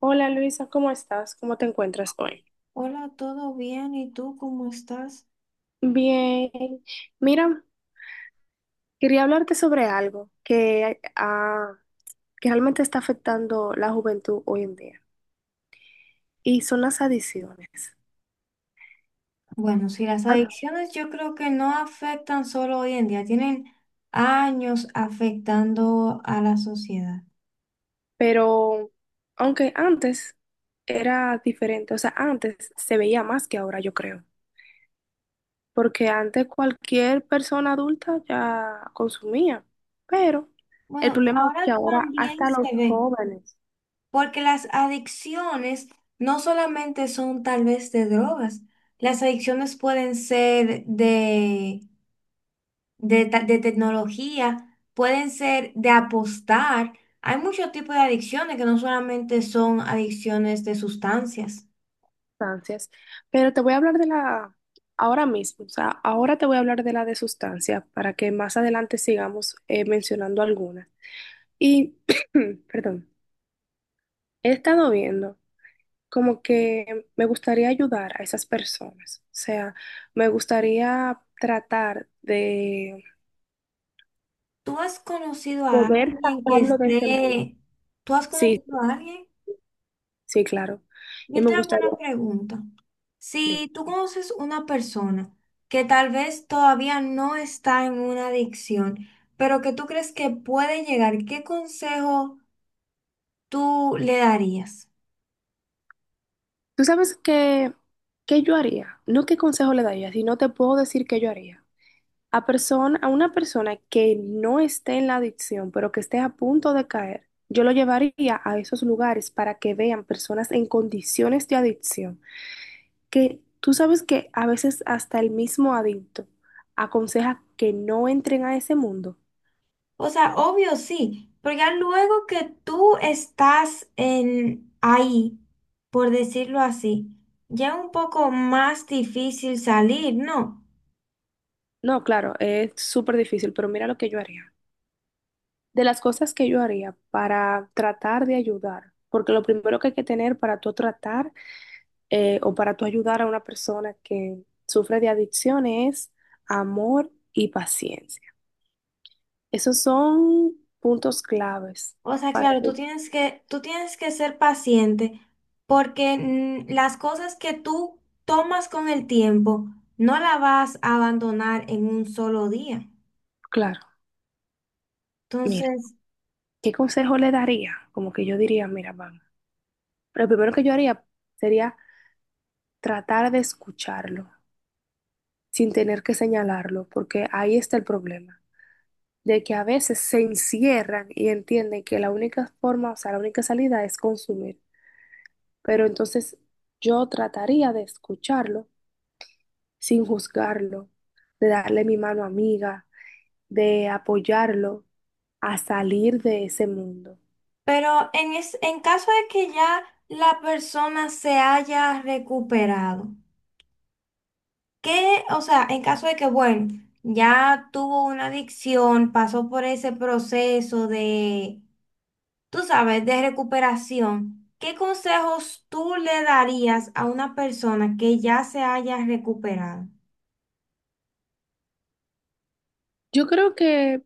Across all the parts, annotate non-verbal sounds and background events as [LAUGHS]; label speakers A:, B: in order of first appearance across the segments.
A: Hola Luisa, ¿cómo estás? ¿Cómo te encuentras hoy?
B: Hola, ¿todo bien? ¿Y tú cómo estás?
A: Bien. Mira, quería hablarte sobre algo que que realmente está afectando la juventud hoy en día y son las adicciones.
B: Bueno, sí, las
A: Ah.
B: adicciones yo creo que no afectan solo hoy en día, tienen años afectando a la sociedad.
A: Pero aunque antes era diferente, o sea, antes se veía más que ahora, yo creo, porque antes cualquier persona adulta ya consumía, pero el
B: Bueno,
A: problema es
B: ahora
A: que ahora
B: también
A: hasta
B: se
A: los
B: ve,
A: jóvenes.
B: porque las adicciones no solamente son tal vez de drogas, las adicciones pueden ser de tecnología, pueden ser de apostar. Hay muchos tipos de adicciones que no solamente son adicciones de sustancias.
A: Sustancias, pero te voy a hablar de la ahora mismo, o sea, ahora te voy a hablar de la de sustancias para que más adelante sigamos mencionando algunas. Y, [CLEARS THROAT] perdón, he estado viendo como que me gustaría ayudar a esas personas, o sea, me gustaría tratar de
B: ¿Tú has conocido a
A: poder
B: alguien que
A: sacarlo de ese mundo.
B: esté... ¿Tú has
A: Sí,
B: conocido a alguien?
A: sí, claro. Y
B: Yo
A: me
B: te hago
A: gustaría...
B: una pregunta.
A: Sí.
B: Si tú conoces una persona que tal vez todavía no está en una adicción, pero que tú crees que puede llegar, ¿qué consejo tú le darías?
A: ¿Tú sabes qué yo haría? No qué consejo le daría, sino te puedo decir qué yo haría. A una persona que no esté en la adicción, pero que esté a punto de caer, yo lo llevaría a esos lugares para que vean personas en condiciones de adicción, que tú sabes que a veces hasta el mismo adicto aconseja que no entren a ese mundo.
B: O sea, obvio sí, pero ya luego que tú estás en ahí, por decirlo así, ya es un poco más difícil salir, ¿no?
A: No, claro, es súper difícil, pero mira lo que yo haría. De las cosas que yo haría para tratar de ayudar, porque lo primero que hay que tener para tú tratar o para tú ayudar a una persona que sufre de adicciones, amor y paciencia. Esos son puntos claves
B: O sea,
A: para
B: claro, tú
A: tú.
B: tienes que, tú tienes que ser paciente porque las cosas que tú tomas con el tiempo no las vas a abandonar en un solo día.
A: Claro, mira,
B: Entonces,
A: ¿qué consejo le daría? Como que yo diría, mira, vamos. Lo primero que yo haría sería tratar de escucharlo sin tener que señalarlo, porque ahí está el problema, de que a veces se encierran y entienden que la única forma, o sea, la única salida es consumir. Pero entonces yo trataría de escucharlo sin juzgarlo, de darle mi mano amiga, de apoyarlo a salir de ese mundo.
B: pero en caso de que ya la persona se haya recuperado, ¿qué? O sea, en caso de que, bueno, ya tuvo una adicción, pasó por ese proceso de tú sabes, de recuperación, ¿qué consejos tú le darías a una persona que ya se haya recuperado?
A: Yo creo que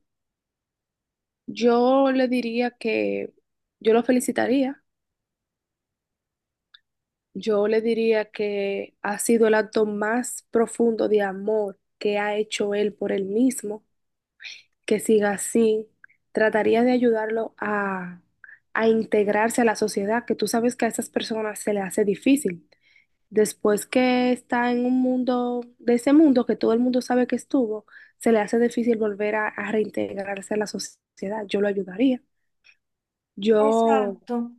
A: yo le diría que yo lo felicitaría. Yo le diría que ha sido el acto más profundo de amor que ha hecho él por él mismo, que siga así. Trataría de ayudarlo a integrarse a la sociedad, que tú sabes que a esas personas se le hace difícil. Después que está en un mundo, de ese mundo que todo el mundo sabe que estuvo, se le hace difícil volver a reintegrarse a la sociedad. Yo lo ayudaría. Yo,
B: Exacto,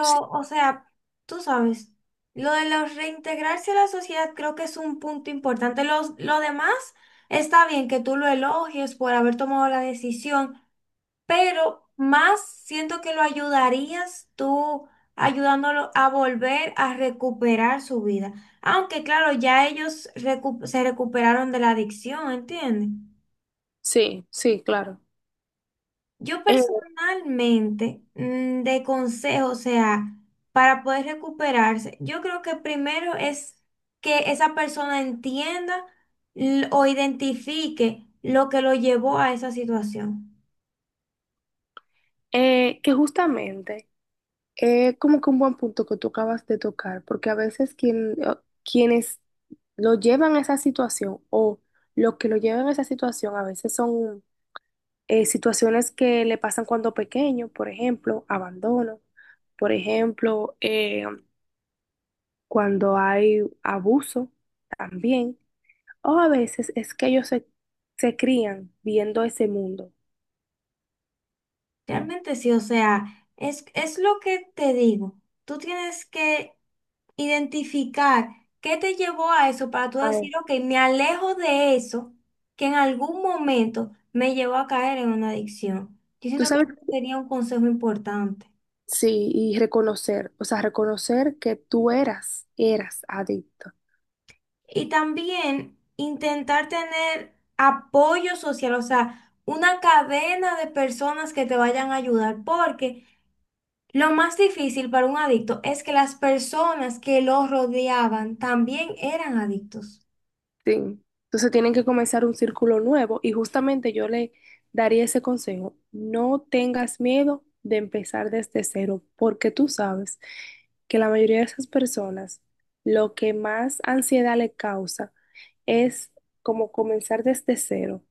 A: sí,
B: o sea, tú sabes, lo de los reintegrarse a la sociedad creo que es un punto importante. Lo demás está bien que tú lo elogies por haber tomado la decisión, pero más siento que lo ayudarías tú ayudándolo a volver a recuperar su vida. Aunque claro, ya ellos se recuperaron de la adicción, ¿entiendes?
A: sí, sí, claro.
B: Yo
A: Eh,
B: personalmente, de consejo, o sea, para poder recuperarse, yo creo que primero es que esa persona entienda o identifique lo que lo llevó a esa situación.
A: que justamente es como que un buen punto que tú acabas de tocar, porque a veces quienes lo llevan a esa situación o lo que lo llevan a esa situación a veces son situaciones que le pasan cuando pequeño, por ejemplo, abandono, por ejemplo, cuando hay abuso también, o a veces es que ellos se crían viendo ese mundo.
B: Realmente sí, o sea, es lo que te digo. Tú tienes que identificar qué te llevó a eso para tú decir,
A: Ay.
B: ok, me alejo de eso que en algún momento me llevó a caer en una adicción. Yo
A: Tú
B: siento que
A: sabes,
B: sería un consejo importante.
A: sí, y reconocer, o sea, reconocer que tú eras adicto.
B: Y también intentar tener apoyo social, o sea, una cadena de personas que te vayan a ayudar, porque... Lo más difícil para un adicto es que las personas que lo rodeaban también eran adictos.
A: Sí. Entonces tienen que comenzar un círculo nuevo y justamente yo le daría ese consejo. No tengas miedo de empezar desde cero, porque tú sabes que la mayoría de esas personas lo que más ansiedad le causa es como comenzar desde cero.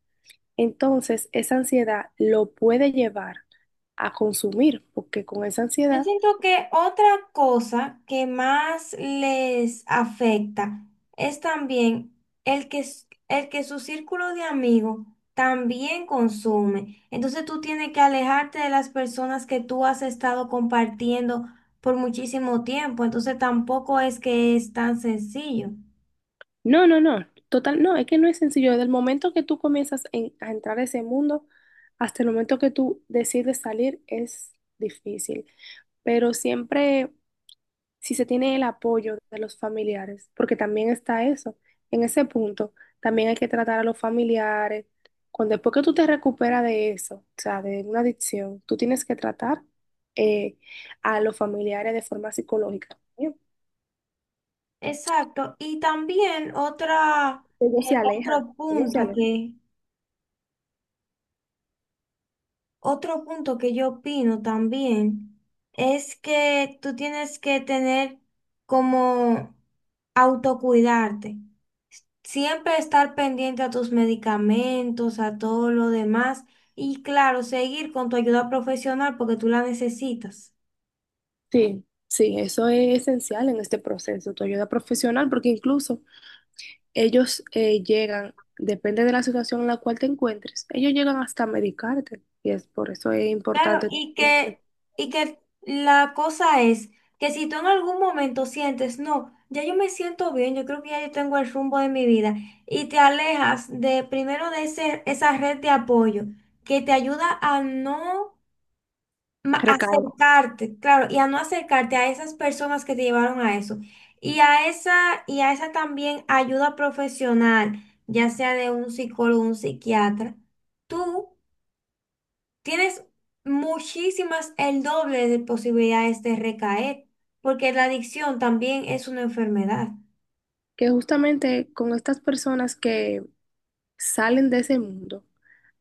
A: Entonces, esa ansiedad lo puede llevar a consumir, porque con esa
B: Yo
A: ansiedad...
B: siento que otra cosa que más les afecta es también el que, el que su círculo de amigos también consume. Entonces tú tienes que alejarte de las personas que tú has estado compartiendo por muchísimo tiempo. Entonces tampoco es que es tan sencillo.
A: No, no, no, total, no, es que no es sencillo. Desde el momento que tú comienzas a entrar a ese mundo hasta el momento que tú decides salir es difícil, pero siempre si se tiene el apoyo de los familiares, porque también está eso, en ese punto también hay que tratar a los familiares. Cuando después que tú te recuperas de eso, o sea, de una adicción, tú tienes que tratar eh, a los familiares de forma psicológica. ¿Sí?
B: Exacto. Y también otra...
A: Ellos se alejan,
B: Otro
A: ellos se
B: punto
A: alejan.
B: que, otro punto que yo opino también es que tú tienes que tener como autocuidarte. Siempre estar pendiente a tus medicamentos, a todo lo demás y claro, seguir con tu ayuda profesional porque tú la necesitas.
A: Sí, sí, eso es esencial en este proceso, tu ayuda profesional, porque incluso ellos llegan, depende de la situación en la cual te encuentres, ellos llegan hasta medicarte, y es por eso es
B: Claro,
A: importante. [LAUGHS]
B: y que la cosa es que si tú en algún momento sientes, no, ya yo me siento bien, yo creo que ya yo tengo el rumbo de mi vida, y te alejas de primero de esa red de apoyo que te ayuda a no
A: Recalco
B: acercarte, claro, y a no acercarte a esas personas que te llevaron a eso, y a esa también ayuda profesional, ya sea de un psicólogo, un psiquiatra. Tú tienes muchísimas, el doble de posibilidades de recaer, porque la adicción también es una enfermedad.
A: que justamente con estas personas que salen de ese mundo,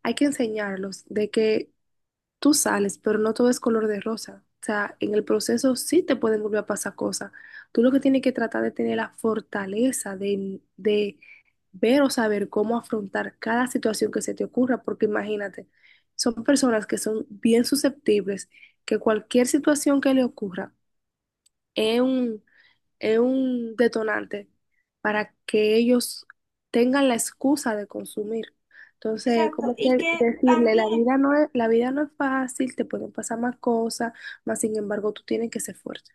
A: hay que enseñarlos de que tú sales, pero no todo es color de rosa. O sea, en el proceso sí te pueden volver a pasar cosas. Tú lo que tienes que tratar de tener la fortaleza de ver o saber cómo afrontar cada situación que se te ocurra, porque imagínate, son personas que son bien susceptibles, que cualquier situación que le ocurra es un detonante para que ellos tengan la excusa de consumir. Entonces,
B: Exacto,
A: como
B: y
A: que
B: que
A: decirle,
B: también
A: la vida no es fácil, te pueden pasar más cosas, mas sin embargo tú tienes que ser fuerte.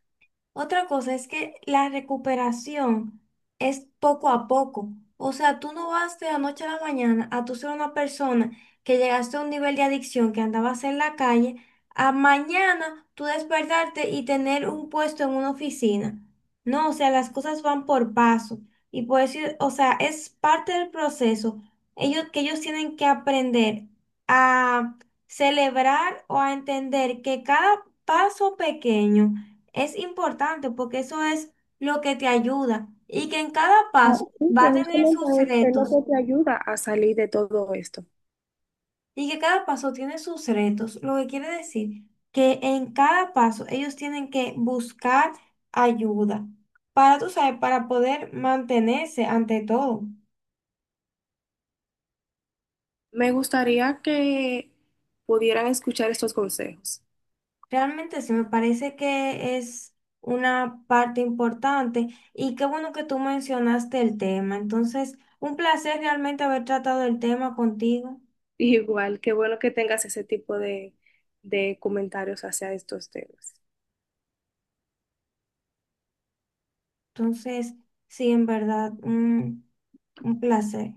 B: otra cosa es que la recuperación es poco a poco. O sea, tú no vas de la noche a la mañana a tú ser una persona que llegaste a un nivel de adicción que andabas en la calle, a mañana tú despertarte y tener un puesto en una oficina. No, o sea, las cosas van por paso. Y por eso, o sea, es parte del proceso. Ellos, que ellos tienen que aprender a celebrar o a entender que cada paso pequeño es importante porque eso es lo que te ayuda y que en cada
A: Ah,
B: paso
A: sí,
B: va
A: que
B: a tener
A: justamente
B: sus
A: es lo
B: retos
A: que te ayuda a salir de todo esto.
B: y que cada paso tiene sus retos, lo que quiere decir que en cada paso ellos tienen que buscar ayuda para, tú sabes, para poder mantenerse ante todo.
A: Me gustaría que pudieran escuchar estos consejos.
B: Realmente sí me parece que es una parte importante y qué bueno que tú mencionaste el tema. Entonces, un placer realmente haber tratado el tema contigo.
A: [LAUGHS] Igual, qué bueno que tengas ese tipo de comentarios hacia estos temas.
B: Entonces, sí, en verdad, un placer.